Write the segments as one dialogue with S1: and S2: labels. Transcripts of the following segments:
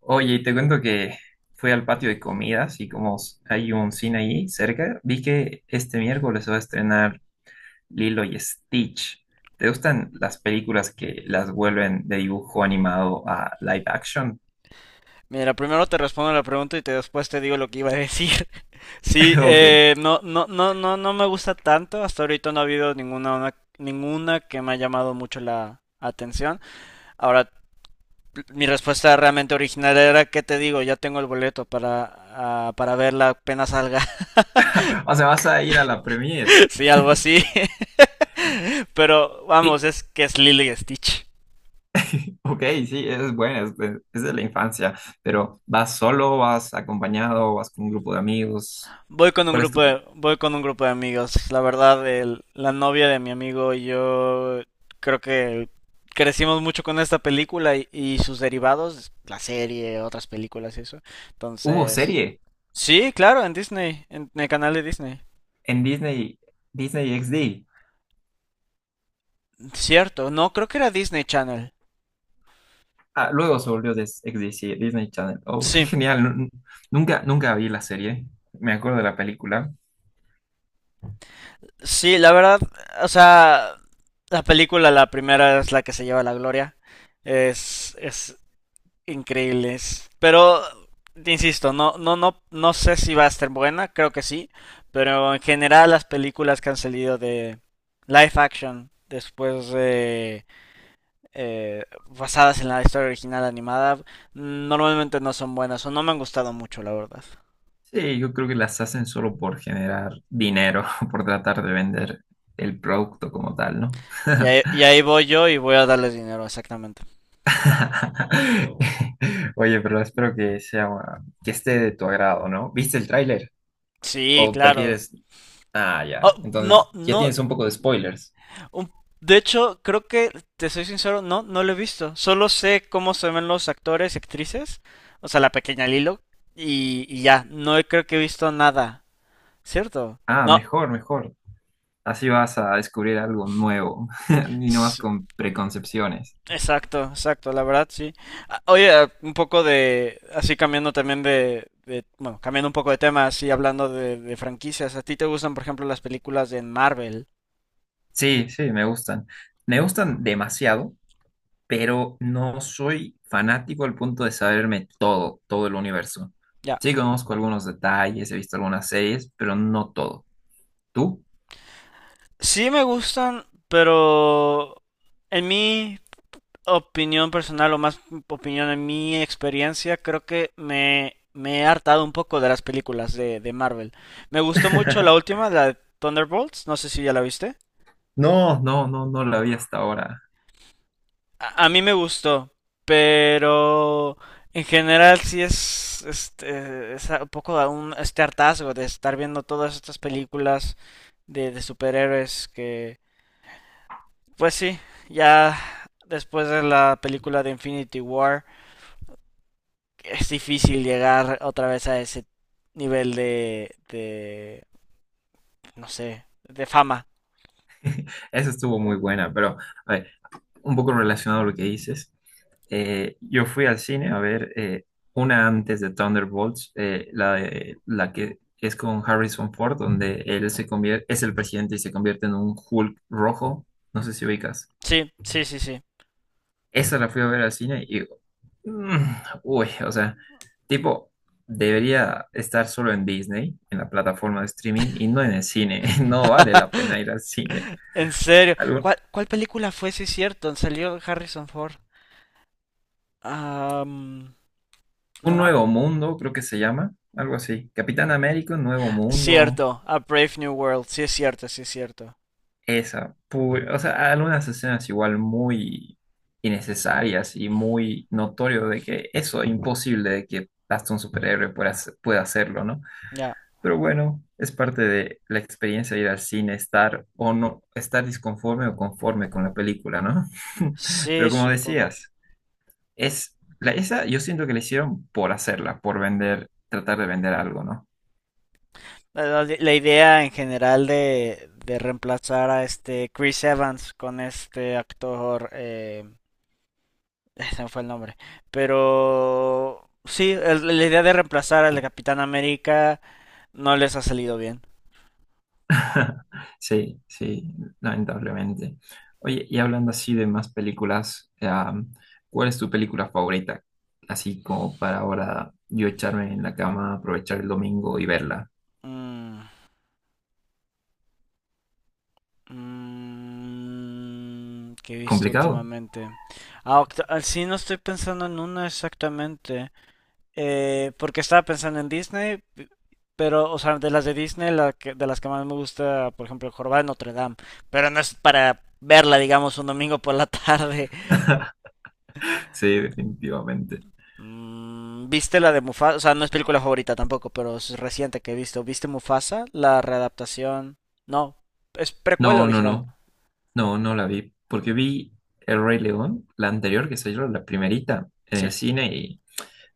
S1: Oye, y te cuento que fui al patio de comidas y como hay un cine ahí cerca, vi que este miércoles se va a estrenar Lilo y Stitch. ¿Te gustan las películas que las vuelven de dibujo animado a live action?
S2: Mira, primero te respondo la pregunta y después te digo lo que iba a decir. Sí,
S1: Ok,
S2: no me gusta tanto. Hasta ahorita no ha habido ninguna que me ha llamado mucho la atención. Ahora, mi respuesta realmente original era, ¿qué te digo? Ya tengo el boleto para verla apenas salga.
S1: o sea, vas a ir a la premiere.
S2: Sí, algo así. Pero vamos,
S1: Sí.
S2: es que es Lily Stitch.
S1: Ok, sí, es buena, es de la infancia, pero ¿vas solo, vas acompañado, vas con un grupo de amigos? ¿Cuál es tu...
S2: Voy con un grupo de amigos. La verdad, la novia de mi amigo y yo creo que crecimos mucho con esta película y sus derivados, la serie, otras películas y eso.
S1: Hubo
S2: Entonces,
S1: serie
S2: sí, claro, en Disney, en el canal de Disney.
S1: en Disney, Disney XD.
S2: Cierto, no, creo que era Disney Channel.
S1: Ah, luego se volvió de ex DC Disney Channel. Oh, qué
S2: Sí,
S1: genial. Nunca, nunca vi la serie. Me acuerdo de la película.
S2: sí, la verdad, o sea, la película, la primera es la que se lleva la gloria. Es, es, Increíbles. Pero, insisto, no sé si va a estar buena, creo que sí. Pero en general las películas que han salido de live action después de basadas en la historia original animada normalmente no son buenas o no me han gustado mucho la verdad.
S1: Sí, yo creo que las hacen solo por generar dinero, por tratar de vender el producto como tal, ¿no?
S2: Y ahí voy yo y voy a darles dinero, exactamente.
S1: Oye, pero espero que sea, que esté de tu agrado, ¿no? ¿Viste el tráiler?
S2: Sí,
S1: ¿O
S2: claro.
S1: prefieres? Ah, ya.
S2: Oh, no,
S1: Entonces, ya
S2: no.
S1: tienes un poco de spoilers.
S2: Un- De hecho, creo que, te soy sincero, no lo he visto. Solo sé cómo se ven los actores y actrices, o sea, la pequeña Lilo, y ya, no he- creo que he visto nada, ¿cierto?
S1: Ah,
S2: No,
S1: mejor, mejor. Así vas a descubrir algo nuevo y no vas
S2: s-
S1: con preconcepciones.
S2: exacto, exacto, la verdad sí. Ah, oye, un poco de, así cambiando también de, cambiando un poco de tema, así hablando de franquicias, ¿a ti te gustan, por ejemplo, las películas de Marvel?
S1: Sí, sí, me gustan. Me gustan demasiado, pero no soy fanático al punto de saberme todo, todo el universo.
S2: Ya.
S1: Sí, conozco algunos detalles, he visto algunas series, pero no todo. ¿Tú?
S2: Sí me gustan, pero en mí opinión personal, o más opinión en mi experiencia, creo que me he hartado un poco de las películas de Marvel. Me gustó mucho la última, la de Thunderbolts, no sé si ya la viste.
S1: No, no, no, no la vi hasta ahora.
S2: A mí me gustó, pero en general sí es, este, es un poco un, este hartazgo de estar viendo todas estas películas de superhéroes que, pues sí, ya después de la película de Infinity War es difícil llegar otra vez a ese nivel no sé, de fama.
S1: Esa estuvo muy buena, pero a ver, un poco relacionado a lo que dices. Yo fui al cine a ver una antes de Thunderbolts, la que es con Harrison Ford, donde él se convierte, es el presidente y se convierte en un Hulk rojo. No sé si ubicas.
S2: Sí, sí, sí, sí.
S1: Esa la fui a ver al cine y "Mm, uy, o sea, tipo, debería estar solo en Disney, en la plataforma de streaming y no en el cine. No vale la pena ir al cine.
S2: En serio,
S1: Algo-
S2: ¿cuál película fue, si cierto? Salió Harrison Ford. Am, no
S1: un
S2: me ac-
S1: nuevo mundo, creo que se llama, algo así. Capitán América, un nuevo mundo.
S2: cierto, A Brave New World, sí es cierto, sí es cierto.
S1: Esa, o sea, algunas escenas igual muy innecesarias y muy notorio de que eso es imposible de que hasta un superhéroe pueda, pueda hacerlo, ¿no?
S2: Ya.
S1: Pero bueno, es parte de la experiencia de ir al cine, estar o no, estar disconforme o conforme con la película, ¿no?
S2: Sí,
S1: Pero como
S2: supongo.
S1: decías, esa yo siento que la hicieron por hacerla, por vender, tratar de vender algo, ¿no?
S2: La idea en general de reemplazar a este Chris Evans con este actor, ese me fue el nombre. Pero sí, la idea de reemplazar al de Capitán América no les ha salido bien.
S1: Sí, sí, lamentablemente. Oye, y hablando así de más películas, ¿cuál es tu película favorita? Así como para ahora yo echarme en la cama, aprovechar el domingo y verla.
S2: Mm, mm, ¿qué he visto
S1: ¿Complicado?
S2: últimamente? Ah, sí, no estoy pensando en una exactamente. Porque estaba pensando en Disney, pero, o sea, de las de Disney, de las que más me gusta, por ejemplo, El Jorobado de Notre Dame. Pero no es para verla, digamos, un domingo por la tarde.
S1: Sí, definitivamente.
S2: Mm, ¿viste la de Mufasa? O sea, no es película favorita tampoco, pero es reciente que he visto. ¿Viste Mufasa? La readaptación. No, es precuela
S1: No, no,
S2: original.
S1: no, no, no la vi, porque vi El Rey León, la anterior que salió, la primerita, en el
S2: Sí.
S1: cine y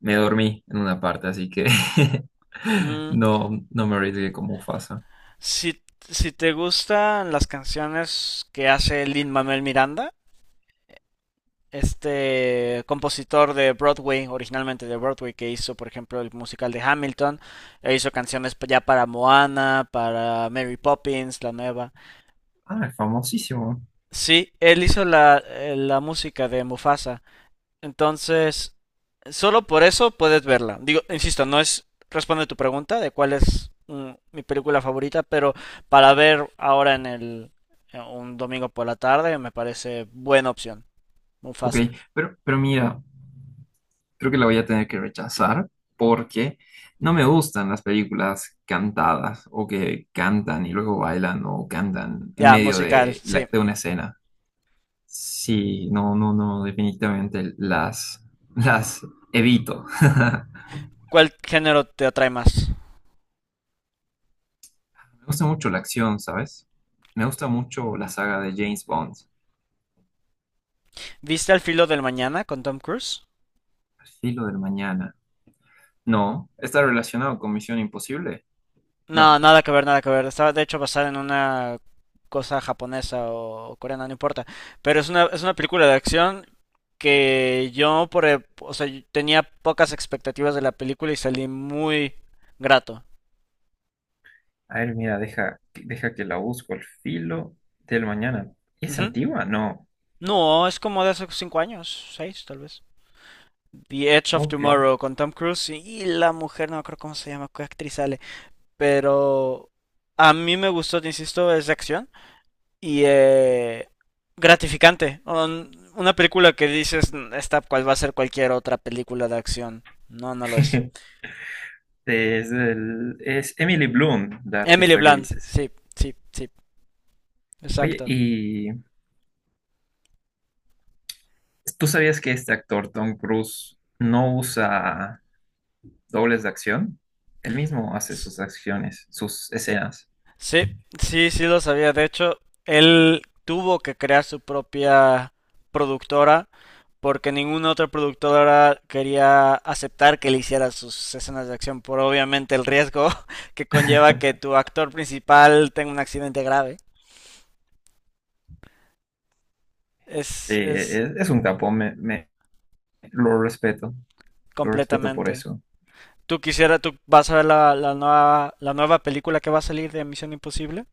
S1: me dormí en una parte, así que
S2: Mm,
S1: no, no me arriesgué como Mufasa.
S2: si, si te gustan las canciones que hace Lin-Manuel Miranda, este compositor de Broadway, originalmente de Broadway, que hizo, por ejemplo, el musical de Hamilton, e hizo canciones ya para Moana, para Mary Poppins, la nueva.
S1: Ah, famosísimo.
S2: Sí, él hizo la, la música de Mufasa. Entonces, solo por eso puedes verla. Digo, insisto, no es responde tu pregunta de cuál es mm, mi película favorita, pero para ver ahora en un domingo por la tarde me parece buena opción.
S1: Ok,
S2: Mufasa.
S1: pero mira, creo que la voy a tener que rechazar porque no me gustan las películas cantadas o que cantan y luego bailan o cantan en
S2: Ya,
S1: medio
S2: musical,
S1: de,
S2: sí.
S1: de una escena. Sí, no, no, no, definitivamente las evito.
S2: ¿Cuál género te atrae más?
S1: Me gusta mucho la acción, ¿sabes? Me gusta mucho la saga de James Bond,
S2: ¿Viste Al filo del mañana con Tom Cruise?
S1: Al filo del mañana. No, ¿está relacionado con Misión Imposible?
S2: No,
S1: No.
S2: nada que ver, nada que ver. Estaba de hecho basada en una cosa japonesa o coreana, no importa. Pero es una película de acción que yo por, o sea, yo tenía pocas expectativas de la película y salí muy grato.
S1: A ver, mira, deja, deja que la busco al filo del mañana. ¿Es
S2: Ujú.
S1: antigua? No.
S2: No, es como de hace cinco años, seis tal vez. The Edge of
S1: Ok.
S2: Tomorrow con Tom Cruise y la mujer, no me acuerdo cómo se llama, qué actriz sale, pero a mí me gustó, te insisto, es de acción y, gratificante. Una película que dices, "Mm, esta cual va a ser cualquier otra película de acción. No, no lo es".
S1: Es, es Emily Bloom, la
S2: Emily
S1: artista que
S2: Blunt,
S1: dices.
S2: sí, sí, sí,
S1: Oye,
S2: exacto.
S1: ¿y tú sabías que este actor, Tom Cruise, no usa dobles de acción? Él mismo hace sus acciones, sus escenas.
S2: Sí, sí, sí lo sabía. De hecho, él tuvo que crear su propia productora porque ninguna otra productora quería aceptar que le hiciera sus escenas de acción por obviamente el riesgo que conlleva que tu actor principal tenga un accidente grave.
S1: Sí,
S2: Es
S1: es un capo, lo respeto, lo respeto por
S2: completamente.
S1: eso.
S2: ¿Tú quisieras, tú vas a ver la nueva, la nueva película que va a salir de Misión Imposible?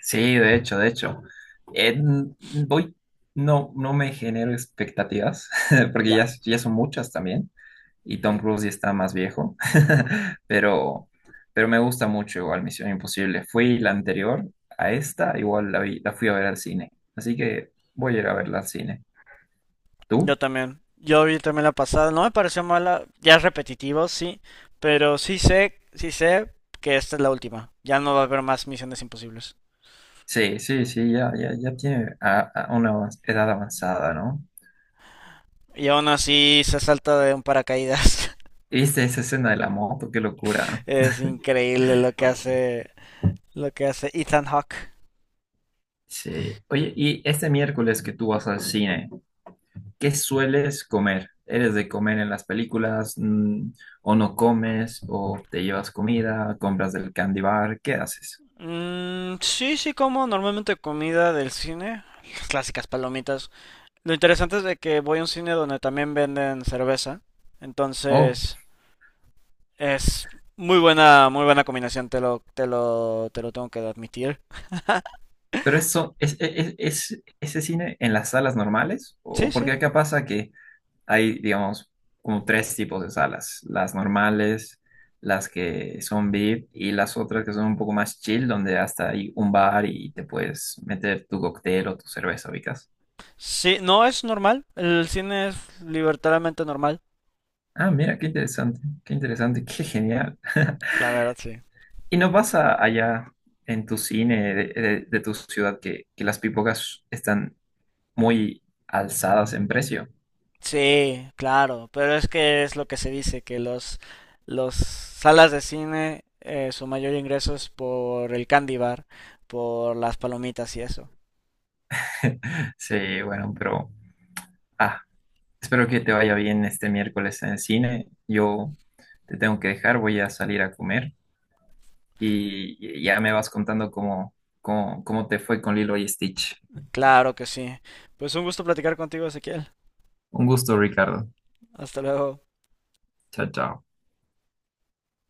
S1: Sí, de hecho, de hecho. Voy, no, no me genero expectativas, porque
S2: Ya.
S1: ya, ya son muchas también, y Tom Cruise ya está más viejo, pero, pero me gusta mucho igual Misión Imposible. Fui la anterior a esta, igual la fui a ver al cine, así que voy a ir a verla al cine.
S2: Yo
S1: ¿Tú?
S2: también. Yo vi también la pasada. No me pareció mala. Ya es repetitivo, sí. Pero sí sé que esta es la última. Ya no va a haber más misiones imposibles.
S1: Sí, sí, sí, ya, ya, ya tiene a una edad avanzada, ¿no?
S2: Y aún así se salta de un paracaídas.
S1: ¿Viste esa escena de la moto? ¡Qué locura!
S2: Es increíble lo que hace Ethan Hawke.
S1: Sí. Oye, y este miércoles que tú vas al cine. ¿Qué sueles comer? ¿Eres de comer en las películas? Mm, ¿o no comes? ¿O te llevas comida? ¿Compras del candy bar? ¿Qué haces?
S2: Mm, sí, sí como normalmente comida del cine. Las clásicas palomitas. Lo interesante es de que voy a un cine donde también venden cerveza.
S1: Oh,
S2: Entonces, es muy buena combinación, te lo tengo que admitir.
S1: pero eso es, ¿ese cine en las salas normales?
S2: Sí,
S1: ¿O porque
S2: sí.
S1: acá pasa que hay, digamos, como tres tipos de salas? Las normales, las que son VIP y las otras que son un poco más chill, donde hasta hay un bar y te puedes meter tu cóctel o tu cerveza, ubicas.
S2: Sí, no es normal. El cine es libertariamente normal.
S1: Ah, mira, qué interesante, qué interesante, qué genial.
S2: La verdad, sí.
S1: ¿Y no pasa allá en tu cine de tu ciudad que las pipocas están muy alzadas en precio?
S2: Sí, claro. Pero es que es lo que se dice, que los salas de cine, su mayor ingreso es por el candy bar, por las palomitas y eso.
S1: Sí, bueno, pero ah, espero que te vaya bien este miércoles en el cine. Yo te tengo que dejar, voy a salir a comer y ya me vas contando cómo, cómo, cómo te fue con Lilo y Stitch.
S2: Claro que sí. Pues un gusto platicar contigo, Ezequiel.
S1: Un gusto, Ricardo.
S2: Hasta luego.
S1: Chao, chao.